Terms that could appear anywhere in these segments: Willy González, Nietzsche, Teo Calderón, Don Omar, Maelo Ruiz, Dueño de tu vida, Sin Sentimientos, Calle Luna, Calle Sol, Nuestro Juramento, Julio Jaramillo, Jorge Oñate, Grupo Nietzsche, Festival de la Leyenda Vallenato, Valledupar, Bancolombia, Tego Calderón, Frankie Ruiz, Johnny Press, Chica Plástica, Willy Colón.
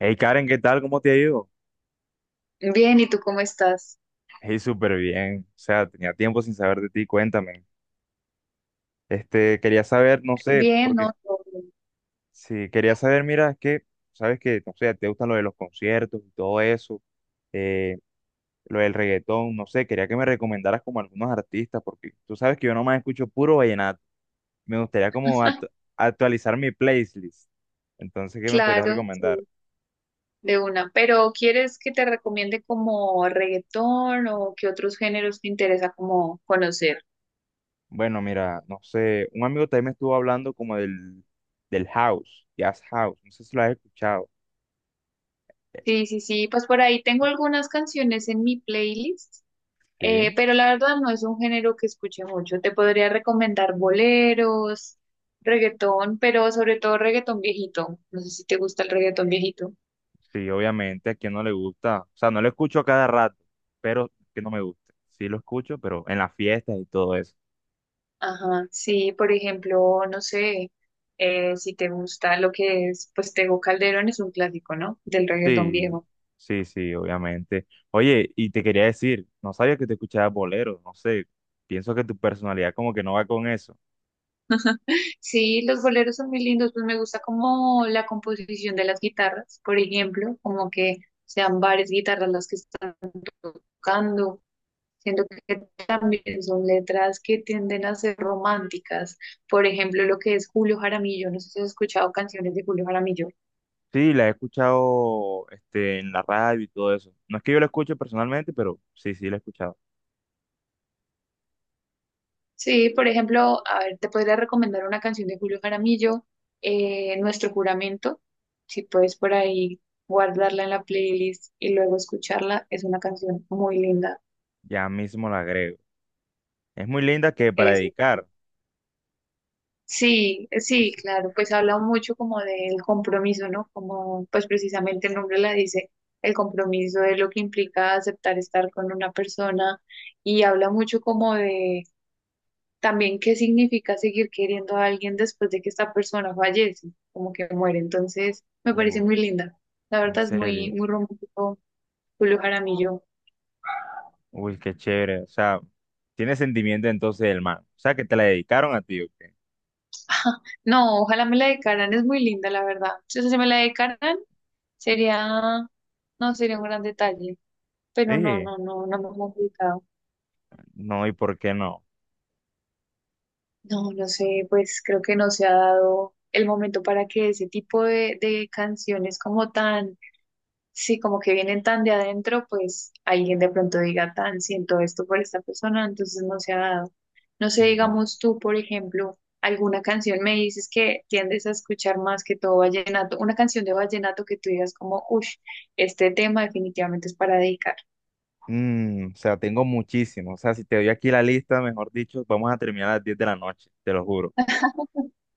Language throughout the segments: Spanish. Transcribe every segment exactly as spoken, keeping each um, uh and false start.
Hey Karen, ¿qué tal? ¿Cómo te ha ido? Bien, ¿y tú cómo estás? Hey, súper bien. O sea, tenía tiempo sin saber de ti, cuéntame. Este, quería saber, no sé, Bien, porque ¿no? Todo bien. si quería saber, mira, es que, sabes que, no sé, te gustan lo de los conciertos y todo eso, eh, lo del reggaetón, no sé, quería que me recomendaras como algunos artistas, porque tú sabes que yo nomás escucho puro vallenato. Me gustaría como actu- actualizar mi playlist. Entonces, ¿qué me podrías Claro, recomendar? sí, de una. Pero ¿quieres que te recomiende como reggaetón o qué otros géneros te interesa como conocer? Bueno, mira, no sé, un amigo también me estuvo hablando como del, del house, jazz house, no sé si lo has escuchado. Eh, Sí, sí, sí, pues por ahí tengo algunas canciones en mi playlist, eh, Sí, pero la verdad no es un género que escuche mucho. Te podría recomendar boleros, reggaetón, pero sobre todo reggaetón viejito. No sé si te gusta el reggaetón viejito. sí, obviamente, a quien no le gusta, o sea, no lo escucho a cada rato, pero que no me gusta. Sí lo escucho, pero en las fiestas y todo eso. Ajá, sí, por ejemplo, no sé, eh, si te gusta lo que es, pues Tego Calderón es un clásico, ¿no? Del reggaetón Sí, viejo. sí, sí, obviamente. Oye, y te quería decir, no sabía que te escuchabas bolero, no sé, pienso que tu personalidad como que no va con eso. Sí, los boleros son muy lindos, pues me gusta como la composición de las guitarras, por ejemplo, como que sean varias guitarras las que están tocando. Siento que también son letras que tienden a ser románticas. Por ejemplo, lo que es Julio Jaramillo, no sé si has escuchado canciones de Julio Jaramillo. Sí, la he escuchado este, en la radio y todo eso. No es que yo la escuche personalmente, pero sí, sí, la he escuchado. Sí, por ejemplo, a ver, te podría recomendar una canción de Julio Jaramillo, eh, Nuestro Juramento, si puedes por ahí guardarla en la playlist y luego escucharla, es una canción muy linda. Ya mismo la agrego. Es muy linda que para Es, dedicar. sí, O sí, sea, claro, pues habla mucho como del compromiso, ¿no? Como pues precisamente el nombre la dice, el compromiso es lo que implica aceptar estar con una persona y habla mucho como de también qué significa seguir queriendo a alguien después de que esta persona fallece, como que muere. Entonces, me parece uf, muy linda. La en verdad es muy, serio. muy romántico Julio Jaramillo. Uy, qué chévere. O sea, tiene sentimiento entonces el man. O sea, ¿que te la dedicaron a ti, o qué? No, ojalá me la dedicaran, es muy linda, la verdad. Si eso se me la dedicaran, sería, no, sería un gran detalle. Pero no, Sí. no, no, no me ha complicado. No, ¿y por qué no? No, no sé, pues creo que no se ha dado el momento para que ese tipo de, de canciones como tan. Sí, como que vienen tan de adentro, pues alguien de pronto diga tan, siento esto por esta persona, entonces no se ha dado. No sé, Mm, digamos tú, por ejemplo, alguna canción, me dices que tiendes a escuchar más que todo vallenato, una canción de vallenato que tú digas como, uff, este tema definitivamente es para dedicar. mm, o sea, tengo muchísimo. O sea, si te doy aquí la lista, mejor dicho, vamos a terminar a las diez de la noche, te lo juro.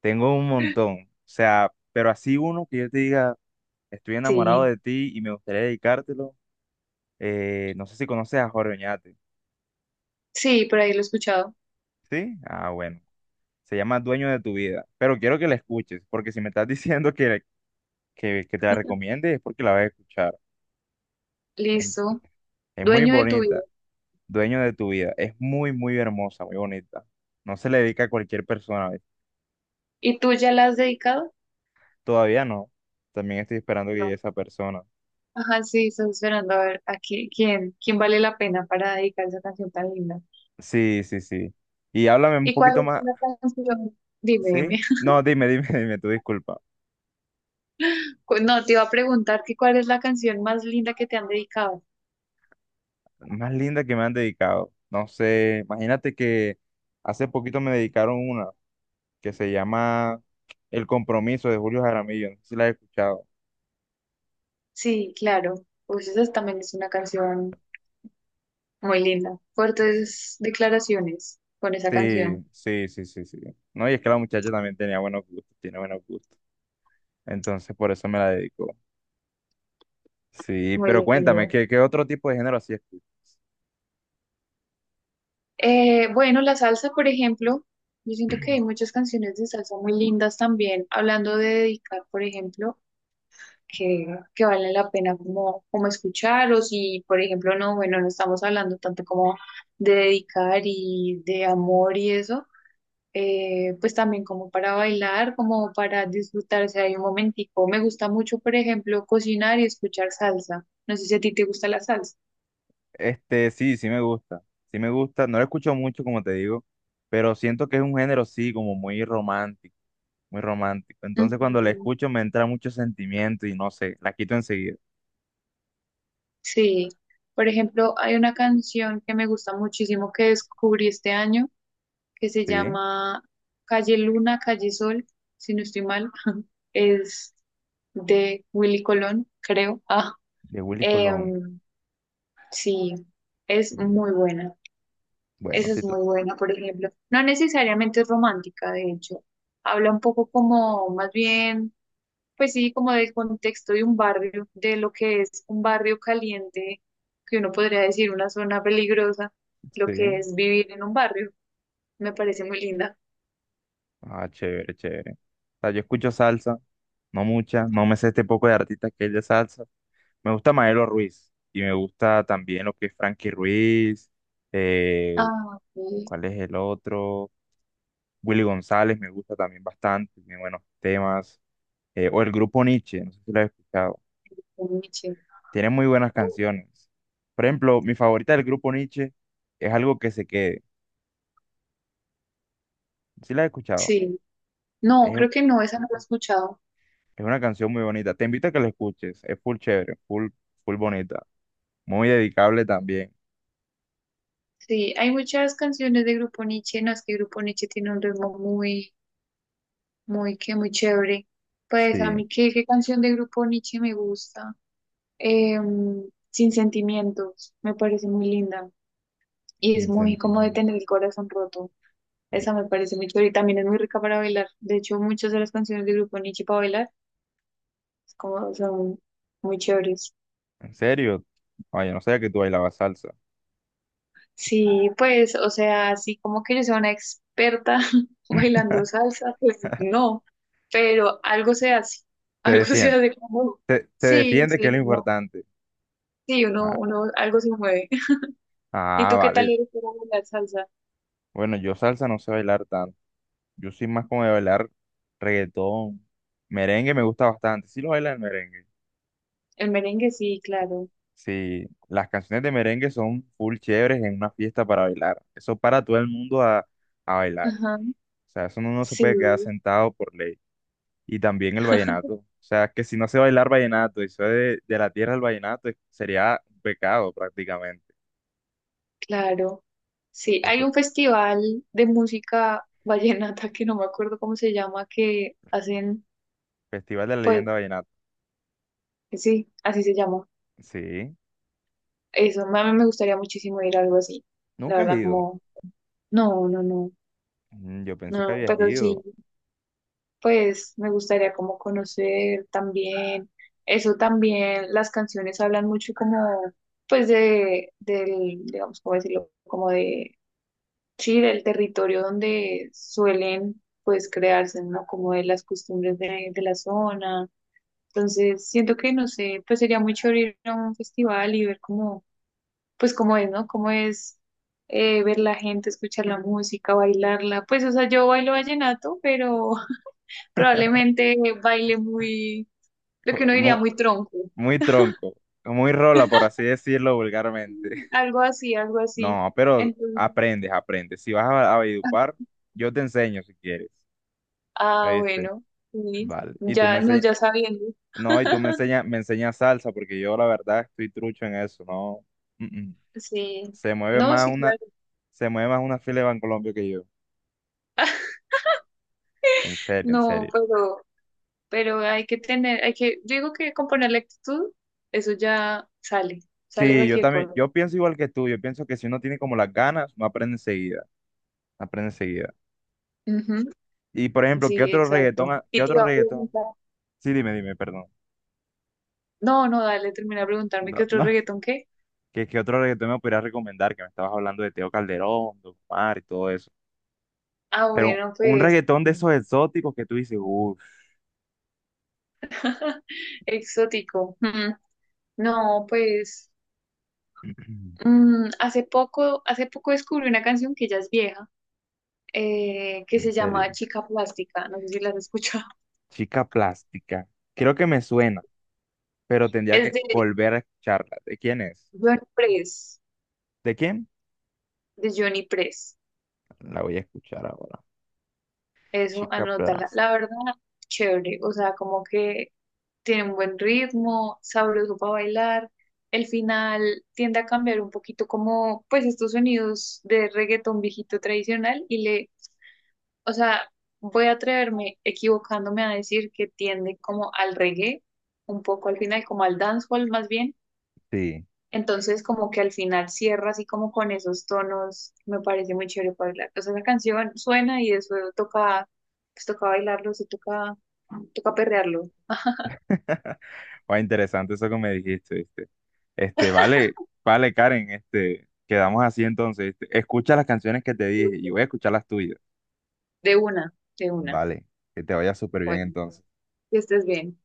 Tengo un montón. O sea, pero así uno que yo te diga, estoy Sí, enamorado de ti y me gustaría dedicártelo. Eh, no sé si conoces a Jorge Oñate. sí, por ahí lo he escuchado. ¿Sí? Ah, bueno. Se llama Dueño de tu vida. Pero quiero que la escuches, porque si me estás diciendo que, que, que te la recomiende es porque la vas a escuchar. En- Listo. Es muy Dueño de tu vida. bonita. Dueño de tu vida. Es muy, muy hermosa, muy bonita. No se le dedica a cualquier persona. ¿Ves? ¿Y tú ya la has dedicado? Todavía no. También estoy esperando que llegue No. esa persona. Ajá, sí, estás esperando a ver a qui- quién, quién vale la pena para dedicar esa canción tan linda. Sí, sí, sí. Y háblame un ¿Y cuál poquito más. es la canción? Dime, ¿Sí? dime. No, dime, dime, dime, tu disculpa. Cu- No, te iba a preguntar que cuál es la canción más linda que te han dedicado. Más linda que me han dedicado. No sé, imagínate que hace poquito me dedicaron una, que se llama El Compromiso de Julio Jaramillo. No sé si la has escuchado. Sí, claro. Pues esa es- también es una canción muy linda. Fuertes declaraciones con esa Sí, canción. sí, sí, sí, sí. No, y es que la muchacha también tenía buenos gustos, tiene buenos gustos. Entonces, por eso me la dedicó. Sí, pero Muy cuéntame, lindo. ¿qué, qué otro tipo de género así escuchas? Eh, bueno, la salsa, por ejemplo. Yo siento que hay muchas canciones de salsa muy lindas también. Hablando de dedicar, por ejemplo. que, que vale la pena como, como escuchar o si, por ejemplo, no, bueno, no estamos hablando tanto como de dedicar y de amor y eso, eh, pues también como para bailar, como para disfrutarse ahí un momentico. Me gusta mucho, por ejemplo, cocinar y escuchar salsa. No sé si a ti te gusta la salsa. Este, sí, sí me gusta. Sí me gusta. No lo escucho mucho, como te digo, pero siento que es un género, sí, como muy romántico, muy romántico. Entonces, cuando la Ujú. escucho me entra mucho sentimiento y no sé, la quito enseguida. Sí, por ejemplo, hay una canción que me gusta muchísimo que descubrí este año que se Sí, llama Calle Luna, Calle Sol, si no estoy mal, es de Willy Colón, creo. Ah, de Willy Colón. em, sí, es Mm, muy buena. bueno, Esa sí, es tú. muy buena, por ejemplo. No necesariamente es romántica, de hecho. Habla un poco como, más bien, pues sí, como del contexto de un barrio, de lo que es un barrio caliente, que uno podría decir una zona peligrosa, lo que Sí. es vivir en un barrio. Me parece muy linda. Ah, chévere, chévere. O sea, yo escucho salsa, no mucha, no me sé este poco de artistas que es de salsa. Me gusta Maelo Ruiz y me gusta también lo que es Frankie Ruiz, eh, Ah, ok. ¿cuál es el otro? Willy González me gusta también bastante, tiene buenos temas. Eh, o el grupo Nietzsche, no sé si lo has escuchado. Nietzsche. Tiene muy buenas Oh, canciones. Por ejemplo, mi favorita del grupo Nietzsche es algo que se quede. ¿Sí la has escuchado? sí, no, Es creo que no, esa no la he escuchado. Es una canción muy bonita. Te invito a que la escuches. Es full chévere, full, full bonita. Muy dedicable también. Sí, hay muchas canciones de Grupo Nietzsche, no es que Grupo Nietzsche tiene un ritmo muy, muy, que muy chévere. Pues a Sí, mí, ¿qué, ¿qué canción de Grupo Nietzsche me gusta? Em, Sin Sentimientos, me parece muy linda y es sin muy sentido. como de tener el corazón roto. Esa me parece muy chévere y también es muy rica para bailar. De hecho, muchas de las canciones de Grupo Nietzsche para bailar es como son muy chéveres. ¿En serio? Oye, no sabía que tú bailabas salsa. Sí, pues, o sea, así como que yo sea una experta bailando salsa, pues no, pero algo se hace, Te algo se defiende. hace como, Te, te sí, defiende, que sí, es lo no, importante. sí, uno, Ah, uno, algo se mueve. ¿Y ah, tú qué tal vale. eres para bailar salsa? Bueno, yo salsa no sé bailar tanto. Yo soy más como de bailar reggaetón. Merengue me gusta bastante. Sí lo baila el merengue. El merengue, sí, claro. Sí, las canciones de merengue son full chéveres en una fiesta para bailar. Eso para todo el mundo a, a bailar. Ajá, O sea, eso no, no se sí, puede quedar sentado por ley. Y también el vallenato. O sea, que si no sé bailar vallenato y soy de, de la tierra del vallenato, es- sería un pecado prácticamente. claro. Sí, hay Otro- un festival de música vallenata que no me acuerdo cómo se llama, que hacen, Festival de la pues, Leyenda Vallenato. sí, así se llama. Sí, Eso, a mí me gustaría muchísimo ir a algo así. La nunca has verdad, ido. como, no, no, no, Mm, yo pensé que no, habías pero sí, ido. pues me gustaría como conocer también, eso también, las canciones hablan mucho como, pues de, del, digamos, ¿cómo decirlo? Como de, sí, del territorio donde suelen, pues, crearse, ¿no? Como de las costumbres de, de la zona. Entonces, siento que, no sé, pues sería muy chévere ir a un festival y ver como pues cómo es, ¿no? Cómo es eh, ver la gente, escuchar la música, bailarla. Pues, o sea, yo bailo vallenato, pero probablemente baile muy, lo que Co- uno diría, Muy, muy tronco. muy tronco, muy rola, por así decirlo vulgarmente. Algo así, algo así. No, pero Entonces, aprendes, aprendes. Si vas a, a Valledupar, yo te enseño si quieres. ah, ¿Viste? bueno, sí, Vale. Y tú me ya, no, enseñas. ya sabiendo. No, y tú me enseñas, me enseñas salsa, porque yo la verdad estoy trucho en eso, no. Mm, mm. Sí, Se mueve no, más sí, una, claro, se mueve más una fila de Bancolombia que yo. En serio, en no, serio. pero, pero hay que tener, hay que, yo digo que con ponerle actitud, eso ya sale, sale Sí, yo cualquier también, cosa. yo pienso igual que tú, yo pienso que si uno tiene como las ganas, no aprende enseguida, no aprende enseguida. Y por ejemplo, ¿qué Sí, otro reggaetón, exacto. ha- qué Y tú otro vas a reggaetón? preguntar. Sí, dime, dime, perdón. No, no, dale, termina de preguntarme No, qué otro no, reggaetón qué. ¿qué, qué otro reggaetón me podrías recomendar? Que me estabas hablando de Teo Calderón, Don Omar y todo eso. Ah, Pero bueno, un pues reggaetón de esos exóticos que tú dices, uff, exótico. Mm, no, pues mm, hace poco, hace poco descubrí una canción que ya es vieja, eh, que en se serio. llama Chica Plástica. No sé si la has escuchado. Chica plástica. Creo que me suena, pero tendría Es que de volver a escucharla. ¿De quién es? Johnny Press, ¿De quién? de Johnny Press. La voy a escuchar ahora. Eso, Chica anótala. plástica. La verdad, chévere. O sea, como que tiene un buen ritmo, sabroso para bailar. El final tiende a cambiar un poquito como pues estos sonidos de reggaetón viejito tradicional y le, o sea, voy a atreverme equivocándome a decir que tiende como al reggae, un poco al final, como al dancehall más bien. Sí. Entonces como que al final cierra así como con esos tonos, me parece muy chévere para bailar. O sea, la canción suena y eso toca, pues toca bailarlo, se toca, toca perrearlo, Va interesante eso que me dijiste, ¿viste? Este, vale, vale, Karen, este, quedamos así entonces, ¿viste? Escucha las canciones que te dije y voy a escuchar las tuyas. de una, de una. Vale, que te vaya súper bien Bueno, entonces. que estés bien.